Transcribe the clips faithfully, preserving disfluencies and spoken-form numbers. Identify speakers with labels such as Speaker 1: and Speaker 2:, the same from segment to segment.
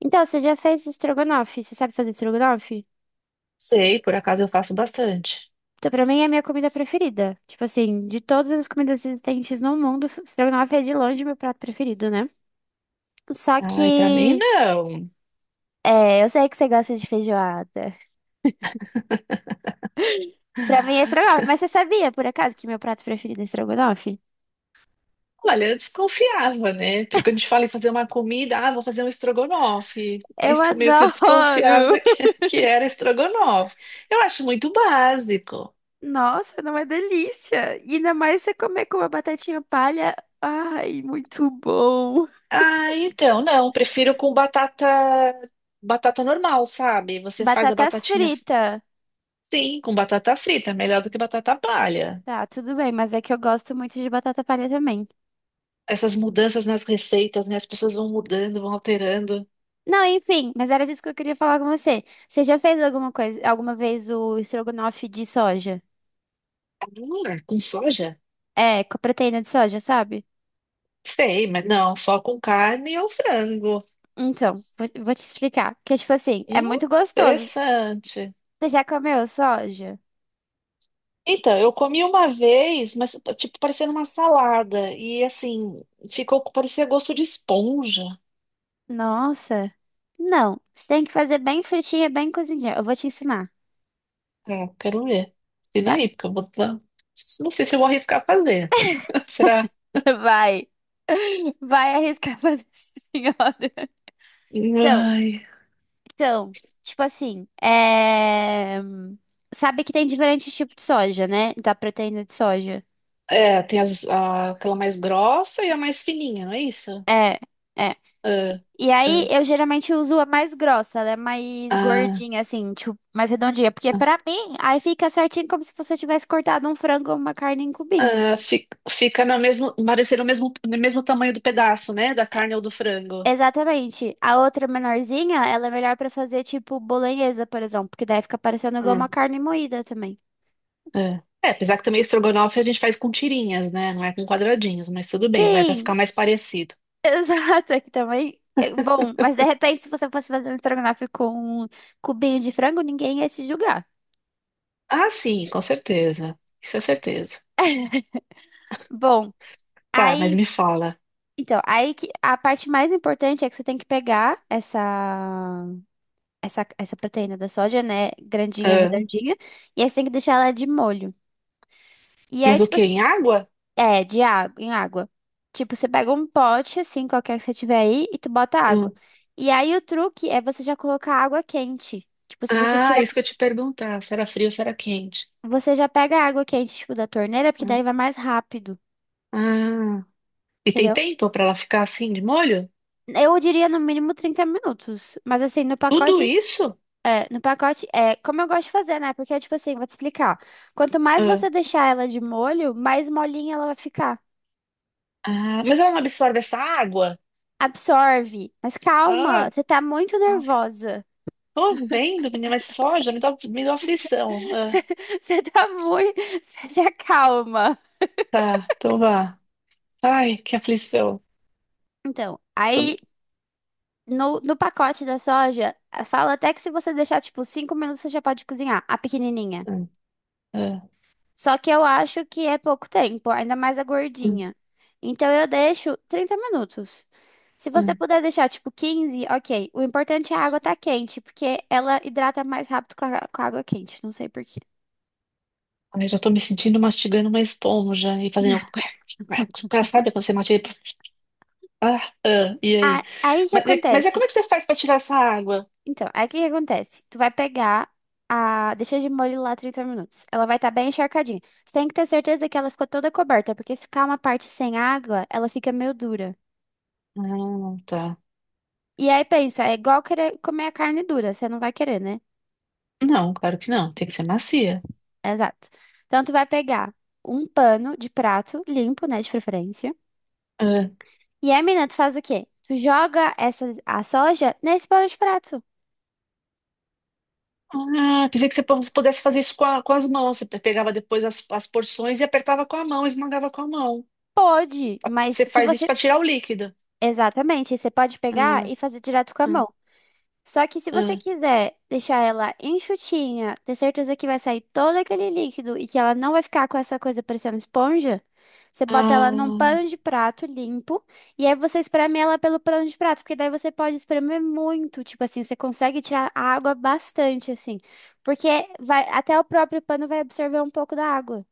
Speaker 1: Então, você já fez estrogonofe? Você sabe fazer estrogonofe?
Speaker 2: Sei, por acaso eu faço bastante.
Speaker 1: Então, pra mim é a minha comida preferida. Tipo assim, de todas as comidas existentes no mundo, estrogonofe é de longe meu prato preferido, né? Só
Speaker 2: Ai, pra mim
Speaker 1: que,
Speaker 2: não.
Speaker 1: é, eu sei que você gosta de feijoada. Pra mim é estrogonofe, mas você sabia, por acaso, que meu prato preferido é estrogonofe?
Speaker 2: Olha, eu desconfiava, né? Porque quando a gente fala em fazer uma comida, ah, vou fazer um estrogonofe.
Speaker 1: Eu
Speaker 2: Então meio que eu desconfiava
Speaker 1: adoro!
Speaker 2: que, que era estrogonofe. Eu acho muito básico.
Speaker 1: Nossa, não é delícia! E ainda mais você comer com uma batatinha palha. Ai, muito bom!
Speaker 2: Ah, então, não, prefiro com batata batata normal, sabe? Você faz a
Speaker 1: Batata
Speaker 2: batatinha,
Speaker 1: frita.
Speaker 2: sim, com batata frita, melhor do que batata palha.
Speaker 1: Tá, tudo bem, mas é que eu gosto muito de batata palha também.
Speaker 2: Essas mudanças nas receitas, né? As pessoas vão mudando, vão alterando.
Speaker 1: Não, enfim, mas era disso que eu queria falar com você. Você já fez alguma coisa, alguma vez o estrogonofe de soja?
Speaker 2: Hum, com soja?
Speaker 1: É, com a proteína de soja, sabe?
Speaker 2: Sei, mas não, só com carne ou frango.
Speaker 1: Então, vou, vou te explicar. Que, tipo assim, é
Speaker 2: Hum,
Speaker 1: muito gostoso.
Speaker 2: interessante.
Speaker 1: Você já comeu soja?
Speaker 2: Então, eu comi uma vez, mas tipo, parecendo uma salada. E assim, ficou, parecia gosto de esponja.
Speaker 1: Nossa. Não, você tem que fazer bem fritinha, bem cozidinha. Eu vou te ensinar.
Speaker 2: É, quero ver. E
Speaker 1: Tá,
Speaker 2: aí, porque eu vou. Não sei se eu vou arriscar fazer. Será?
Speaker 1: vai. Vai arriscar fazer isso, senhora. Então,
Speaker 2: Ai.
Speaker 1: Então, tipo assim, é... sabe que tem diferentes tipos de soja, né? Da proteína de soja.
Speaker 2: É, tem as- a- aquela mais grossa e a mais fininha, não é isso?
Speaker 1: É, é.
Speaker 2: Ah,
Speaker 1: E aí, eu geralmente uso a mais grossa, ela é mais
Speaker 2: ah,
Speaker 1: gordinha, assim, tipo, mais redondinha. Porque
Speaker 2: ah.
Speaker 1: pra mim, aí fica certinho como se você tivesse cortado um frango ou uma carne em cubinho.
Speaker 2: Ah, fi- fica no mesmo, parecer o mesmo, no mesmo tamanho do pedaço, né? Da carne ou do frango.
Speaker 1: Exatamente. A outra menorzinha, ela é melhor pra fazer, tipo, bolonhesa, por exemplo. Porque daí fica parecendo igual uma
Speaker 2: Hum.
Speaker 1: carne moída também.
Speaker 2: É. É, apesar que também estrogonofe a gente faz com tirinhas, né? Não é com quadradinhos, mas tudo bem, vai pra
Speaker 1: Sim,
Speaker 2: ficar mais parecido.
Speaker 1: exato, aqui também. é Bom, mas de repente, se você fosse fazer um estrogonofe com um cubinho de frango, ninguém ia te julgar.
Speaker 2: Ah, sim, com certeza. Isso é certeza.
Speaker 1: Bom,
Speaker 2: Tá, mas
Speaker 1: aí,
Speaker 2: me fala.
Speaker 1: então, aí que a parte mais importante é que você tem que pegar essa essa essa proteína da soja, né, grandinha,
Speaker 2: Ah,
Speaker 1: redondinha, e aí você tem que deixar ela de molho. E aí,
Speaker 2: mas o
Speaker 1: tipo,
Speaker 2: quê?
Speaker 1: assim,
Speaker 2: Em água?
Speaker 1: é, de água, em água. Tipo, você pega um pote assim, qualquer que você tiver aí, e tu bota água.
Speaker 2: Hum.
Speaker 1: E aí o truque é você já colocar água quente. Tipo, se você
Speaker 2: Ah,
Speaker 1: tiver
Speaker 2: isso que eu te perguntar. Se era frio ou se era quente.
Speaker 1: Você já pega a água quente, tipo, da torneira, porque
Speaker 2: Hum.
Speaker 1: daí vai mais rápido,
Speaker 2: Ah. E tem
Speaker 1: entendeu?
Speaker 2: tempo pra ela ficar assim de molho?
Speaker 1: Eu diria no mínimo trinta minutos. Mas assim, no
Speaker 2: Tudo
Speaker 1: pacote.
Speaker 2: isso?
Speaker 1: É, no pacote, é como eu gosto de fazer, né? Porque, tipo assim, vou te explicar. Quanto mais
Speaker 2: Ah,
Speaker 1: você deixar ela de molho, mais molinha ela vai ficar.
Speaker 2: ah, mas ela não absorve essa água?
Speaker 1: Absorve. Mas calma,
Speaker 2: Ah.
Speaker 1: você tá muito
Speaker 2: Ah.
Speaker 1: nervosa.
Speaker 2: Tô vendo, menina, mas soja me dá, me dá aflição.
Speaker 1: Você,
Speaker 2: Ah,
Speaker 1: você tá muito. Você se acalma.
Speaker 2: tá, então vá. Ai, que aflição.
Speaker 1: Então,
Speaker 2: Tô...
Speaker 1: aí no, no pacote da soja, fala até que se você deixar, tipo, cinco minutos, você já pode cozinhar a pequenininha.
Speaker 2: Hum, ah, ah,
Speaker 1: Só que eu acho que é pouco tempo, ainda mais a
Speaker 2: hum,
Speaker 1: gordinha. Então eu deixo trinta minutos. Se você
Speaker 2: hum.
Speaker 1: puder deixar tipo quinze, ok. O importante é a água tá quente, porque ela hidrata mais rápido com a, com a água quente. Não sei por quê.
Speaker 2: Ai, já tô me sentindo mastigando uma esponja e fazendo crack, crack, crack. Sabe quando você mastiga? e- Ah, ah, e aí?
Speaker 1: Ah, aí que
Speaker 2: Mas, é- mas é
Speaker 1: acontece?
Speaker 2: como é que você faz pra tirar essa água?
Speaker 1: Então, aí que que acontece? Tu vai pegar a. Deixa de molho lá trinta minutos. Ela vai estar bem encharcadinha. Você tem que ter certeza que ela ficou toda coberta, porque se ficar uma parte sem água, ela fica meio dura.
Speaker 2: Ah, tá.
Speaker 1: E aí pensa, é igual querer comer a carne dura, você não vai querer, né?
Speaker 2: Não, claro que não. Tem que ser macia.
Speaker 1: Exato. Então, tu vai pegar um pano de prato limpo, né, de preferência.
Speaker 2: Ah,
Speaker 1: E aí, menina, tu faz o quê? Tu joga essa, a soja nesse pano de prato.
Speaker 2: ah, pensei que você pu- pudesse fazer isso com, a- com as mãos. Você pe- pegava depois as, as porções e apertava com a mão, esmagava com a mão.
Speaker 1: Pode, mas
Speaker 2: Você
Speaker 1: se
Speaker 2: faz isso
Speaker 1: você...
Speaker 2: para tirar o líquido.
Speaker 1: Exatamente, você pode pegar
Speaker 2: Ah,
Speaker 1: e fazer direto com a
Speaker 2: ah,
Speaker 1: mão. Só que se você
Speaker 2: ah,
Speaker 1: quiser deixar ela enxutinha, ter certeza que vai sair todo aquele líquido e que ela não vai ficar com essa coisa parecendo esponja, você bota ela num
Speaker 2: ah.
Speaker 1: pano de prato limpo e aí você espreme ela pelo pano de prato, porque daí você pode espremer muito, tipo assim, você consegue tirar a água bastante assim, porque vai até o próprio pano vai absorver um pouco da água.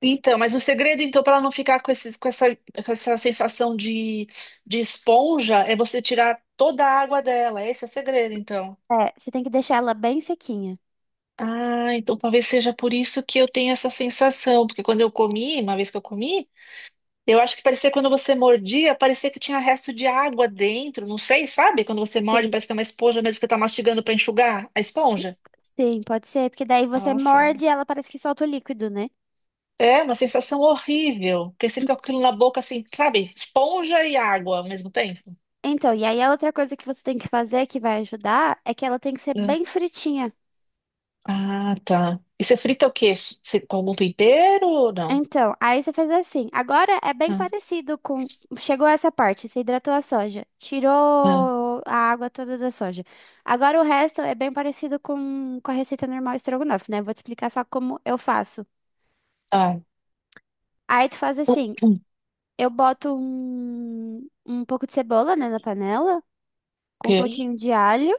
Speaker 2: Então, mas o segredo, então, para não ficar com esses, com essa, com essa sensação de, de esponja, é você tirar toda a água dela. Esse é o segredo, então.
Speaker 1: É, você tem que deixar ela bem sequinha.
Speaker 2: Ah, então talvez seja por isso que eu tenho essa sensação, porque quando eu comi, uma vez que eu comi, eu acho que parecia quando você mordia, parecia que tinha resto de água dentro, não sei, sabe? Quando você morde,
Speaker 1: Sim.
Speaker 2: parece que é uma esponja mesmo que você tá mastigando para enxugar a esponja.
Speaker 1: Sim, pode ser, porque daí você
Speaker 2: Nossa.
Speaker 1: morde e ela parece que solta o líquido, né?
Speaker 2: É uma sensação horrível, porque você fica com aquilo na boca assim, sabe? Esponja e água ao mesmo tempo.
Speaker 1: Então, e aí a outra coisa que você tem que fazer que vai ajudar é que ela tem que ser
Speaker 2: Hum.
Speaker 1: bem fritinha.
Speaker 2: Ah, tá. E você frita o quê? Você, com algum tempero ou não?
Speaker 1: Então, aí você faz assim. Agora é bem
Speaker 2: Ah,
Speaker 1: parecido com. Chegou essa parte, você hidratou a soja,
Speaker 2: ah,
Speaker 1: tirou a água toda da soja. Agora o resto é bem parecido com, com a receita normal estrogonofe, né? Vou te explicar só como eu faço.
Speaker 2: ah.
Speaker 1: Aí tu faz assim:
Speaker 2: Hum,
Speaker 1: eu boto um, um pouco de cebola, né, na panela, com um
Speaker 2: queijo.
Speaker 1: pouquinho de alho,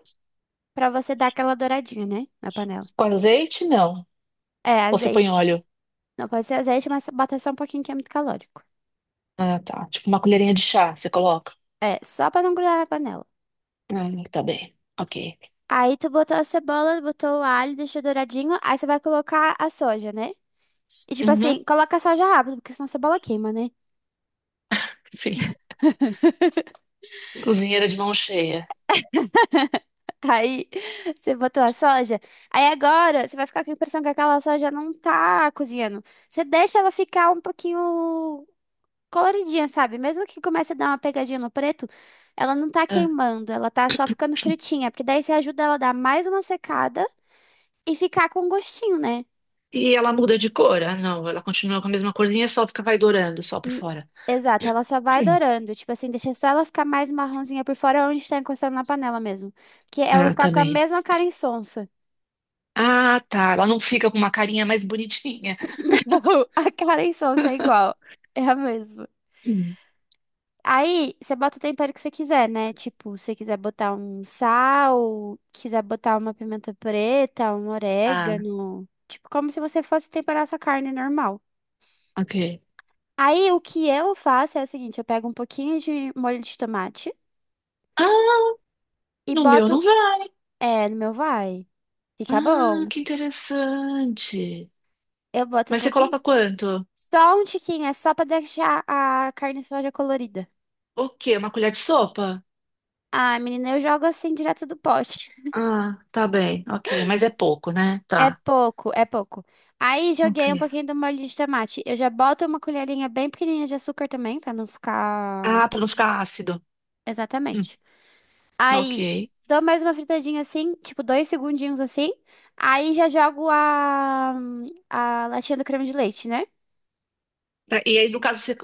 Speaker 1: pra você dar aquela douradinha, né, na panela.
Speaker 2: Com azeite, não.
Speaker 1: É,
Speaker 2: Ou você põe
Speaker 1: azeite.
Speaker 2: óleo?
Speaker 1: Não pode ser azeite, mas bota só um pouquinho que é muito calórico.
Speaker 2: Ah, tá. Tipo uma colherinha de chá, você coloca?
Speaker 1: É, só pra não grudar na panela.
Speaker 2: Ah, tá bem. Ok.
Speaker 1: Aí tu botou a cebola, botou o alho, deixou douradinho. Aí você vai colocar a soja, né? E tipo
Speaker 2: Uhum,
Speaker 1: assim, coloca a soja rápido, porque senão a cebola queima, né?
Speaker 2: sim. Cozinheira de mão cheia.
Speaker 1: Aí você botou a soja. Aí agora você vai ficar com a impressão que aquela soja não tá cozinhando. Você deixa ela ficar um pouquinho coloridinha, sabe? Mesmo que comece a dar uma pegadinha no preto, ela não tá
Speaker 2: Ah.
Speaker 1: queimando, ela tá só ficando fritinha, porque daí você ajuda ela a dar mais uma secada. E ficar com gostinho, né?
Speaker 2: E ela muda de cor? Ah, não. Ela continua com a mesma corzinha, só fica, vai dourando, só por
Speaker 1: Hum,
Speaker 2: fora.
Speaker 1: exato, ela só vai
Speaker 2: Hum.
Speaker 1: dourando. Tipo assim, deixa só ela ficar mais marronzinha por fora onde está encostando na panela mesmo. Que ela vai
Speaker 2: Ah,
Speaker 1: ficar
Speaker 2: tá
Speaker 1: com a
Speaker 2: bem.
Speaker 1: mesma cara insonsa.
Speaker 2: Ah, tá. Ela não fica com uma carinha mais bonitinha.
Speaker 1: A cara insonsa é igual. É a mesma.
Speaker 2: Hum,
Speaker 1: Aí, você bota o tempero que você quiser, né? Tipo, se você quiser botar um sal, quiser botar uma pimenta preta, um
Speaker 2: Tá,
Speaker 1: orégano. Tipo, como se você fosse temperar sua carne normal.
Speaker 2: ok.
Speaker 1: Aí, o que eu faço é o seguinte: eu pego um pouquinho de molho de tomate
Speaker 2: Ah,
Speaker 1: e
Speaker 2: no meu não
Speaker 1: boto.
Speaker 2: vai.
Speaker 1: É, no meu vai. Fica
Speaker 2: Ah,
Speaker 1: bom.
Speaker 2: que interessante.
Speaker 1: Eu boto um
Speaker 2: Mas você
Speaker 1: pouquinho.
Speaker 2: coloca quanto?
Speaker 1: Só um tiquinho, é só pra deixar a carne soja colorida.
Speaker 2: O quê? Uma colher de sopa?
Speaker 1: Ah, menina, eu jogo assim direto do pote.
Speaker 2: Ah, tá bem, ok. Mas é pouco, né?
Speaker 1: É
Speaker 2: Tá,
Speaker 1: pouco, é pouco. Aí joguei um
Speaker 2: ok.
Speaker 1: pouquinho do molho de tomate. Eu já boto uma colherinha bem pequenininha de açúcar também, pra não ficar
Speaker 2: Ah, pra não ficar ácido. Hum,
Speaker 1: exatamente. Aí
Speaker 2: ok.
Speaker 1: dou mais uma fritadinha assim, tipo dois segundinhos assim. Aí já jogo a, a latinha do creme de leite, né?
Speaker 2: Tá, e aí, no caso, você?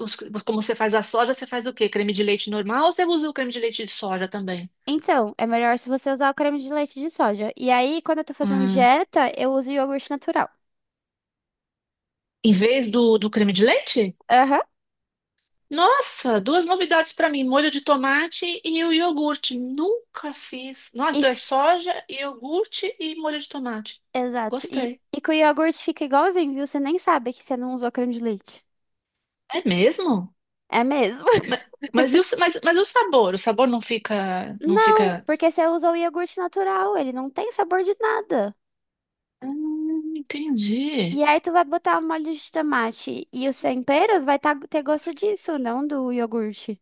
Speaker 2: Como você faz a soja, você faz o quê? Creme de leite normal ou você usa o creme de leite de soja também?
Speaker 1: Então, é melhor se você usar o creme de leite de soja. E aí, quando eu tô fazendo
Speaker 2: Hum,
Speaker 1: dieta, eu uso iogurte natural.
Speaker 2: em vez do, do creme de leite?
Speaker 1: Aham.
Speaker 2: Nossa, duas novidades para mim, molho de tomate e o iogurte. Nunca fiz. Não,
Speaker 1: E-
Speaker 2: então é
Speaker 1: f-
Speaker 2: soja, iogurte e molho de tomate.
Speaker 1: Exato. E,
Speaker 2: Gostei.
Speaker 1: e com o iogurte fica igualzinho, viu? Você nem sabe que você não usou creme de leite.
Speaker 2: É mesmo?
Speaker 1: É mesmo?
Speaker 2: Ma- Mas, e o, sa- mas, mas e o sabor? O sabor não fica, não
Speaker 1: Não,
Speaker 2: fica.
Speaker 1: porque você usa o iogurte natural, ele não tem sabor de nada.
Speaker 2: Hum, entendi.
Speaker 1: E aí tu vai botar o molho de tomate e os temperos vai tá- ter gosto disso, não do iogurte.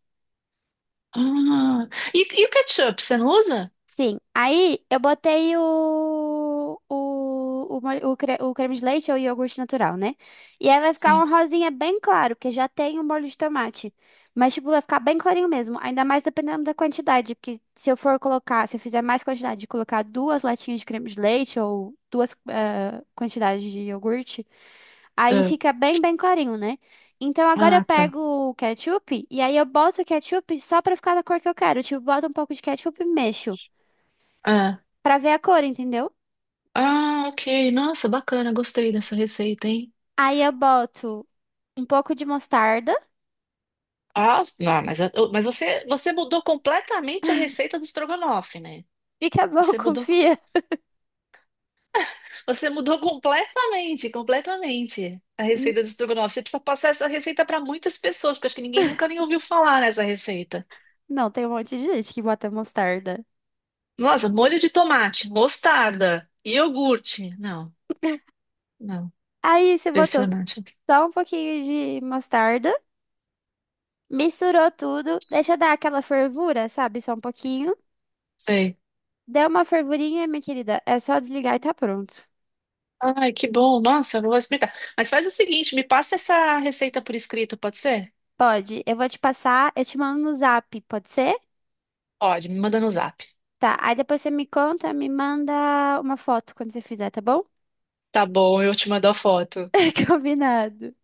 Speaker 2: Ah, e, e o ketchup, você não usa?
Speaker 1: Sim. Aí eu botei o, o, o, mole- o, cre- o creme de leite ou iogurte natural, né? E aí vai ficar uma
Speaker 2: Sim.
Speaker 1: rosinha bem claro, porque já tem o molho de tomate. Mas, tipo, vai ficar bem clarinho mesmo. Ainda mais dependendo da quantidade. Porque se eu for colocar, se eu fizer mais quantidade de colocar duas latinhas de creme de leite ou duas eh, quantidades de iogurte, aí
Speaker 2: Ah,
Speaker 1: fica bem, bem clarinho, né? Então agora eu
Speaker 2: ah, tá.
Speaker 1: pego o ketchup e aí eu boto o ketchup só pra ficar da cor que eu quero. Tipo, boto um pouco de ketchup e mexo
Speaker 2: Ah,
Speaker 1: pra ver a cor, entendeu?
Speaker 2: ah, ok. Nossa, bacana. Gostei dessa receita, hein?
Speaker 1: Aí eu boto um pouco de mostarda.
Speaker 2: Ah, não, mas, eu- mas você, você mudou completamente a receita do estrogonofe, né?
Speaker 1: E acabou,
Speaker 2: Você mudou,
Speaker 1: confia.
Speaker 2: você mudou completamente, completamente a
Speaker 1: N-
Speaker 2: receita do estrogonofe. Você precisa passar essa receita para muitas pessoas, porque acho que ninguém nunca nem ouviu falar nessa receita.
Speaker 1: Não, tem um monte de gente que bota mostarda.
Speaker 2: Nossa, molho de tomate, mostarda, iogurte. Não, não,
Speaker 1: Aí você botou
Speaker 2: impressionante.
Speaker 1: só um pouquinho de mostarda, misturou tudo, deixa dar aquela fervura, sabe? Só um pouquinho.
Speaker 2: Sei.
Speaker 1: Deu uma fervurinha, minha querida. É só desligar e tá pronto.
Speaker 2: Ai, que bom. Nossa, eu vou explicar. Mas faz o seguinte, me passa essa receita por escrito, pode ser?
Speaker 1: Pode, eu vou te passar, eu te mando no zap, pode ser?
Speaker 2: Pode, me manda no zap.
Speaker 1: Tá, aí depois você me conta, me manda uma foto quando você fizer, tá bom?
Speaker 2: Tá bom, eu te mando a foto.
Speaker 1: Combinado.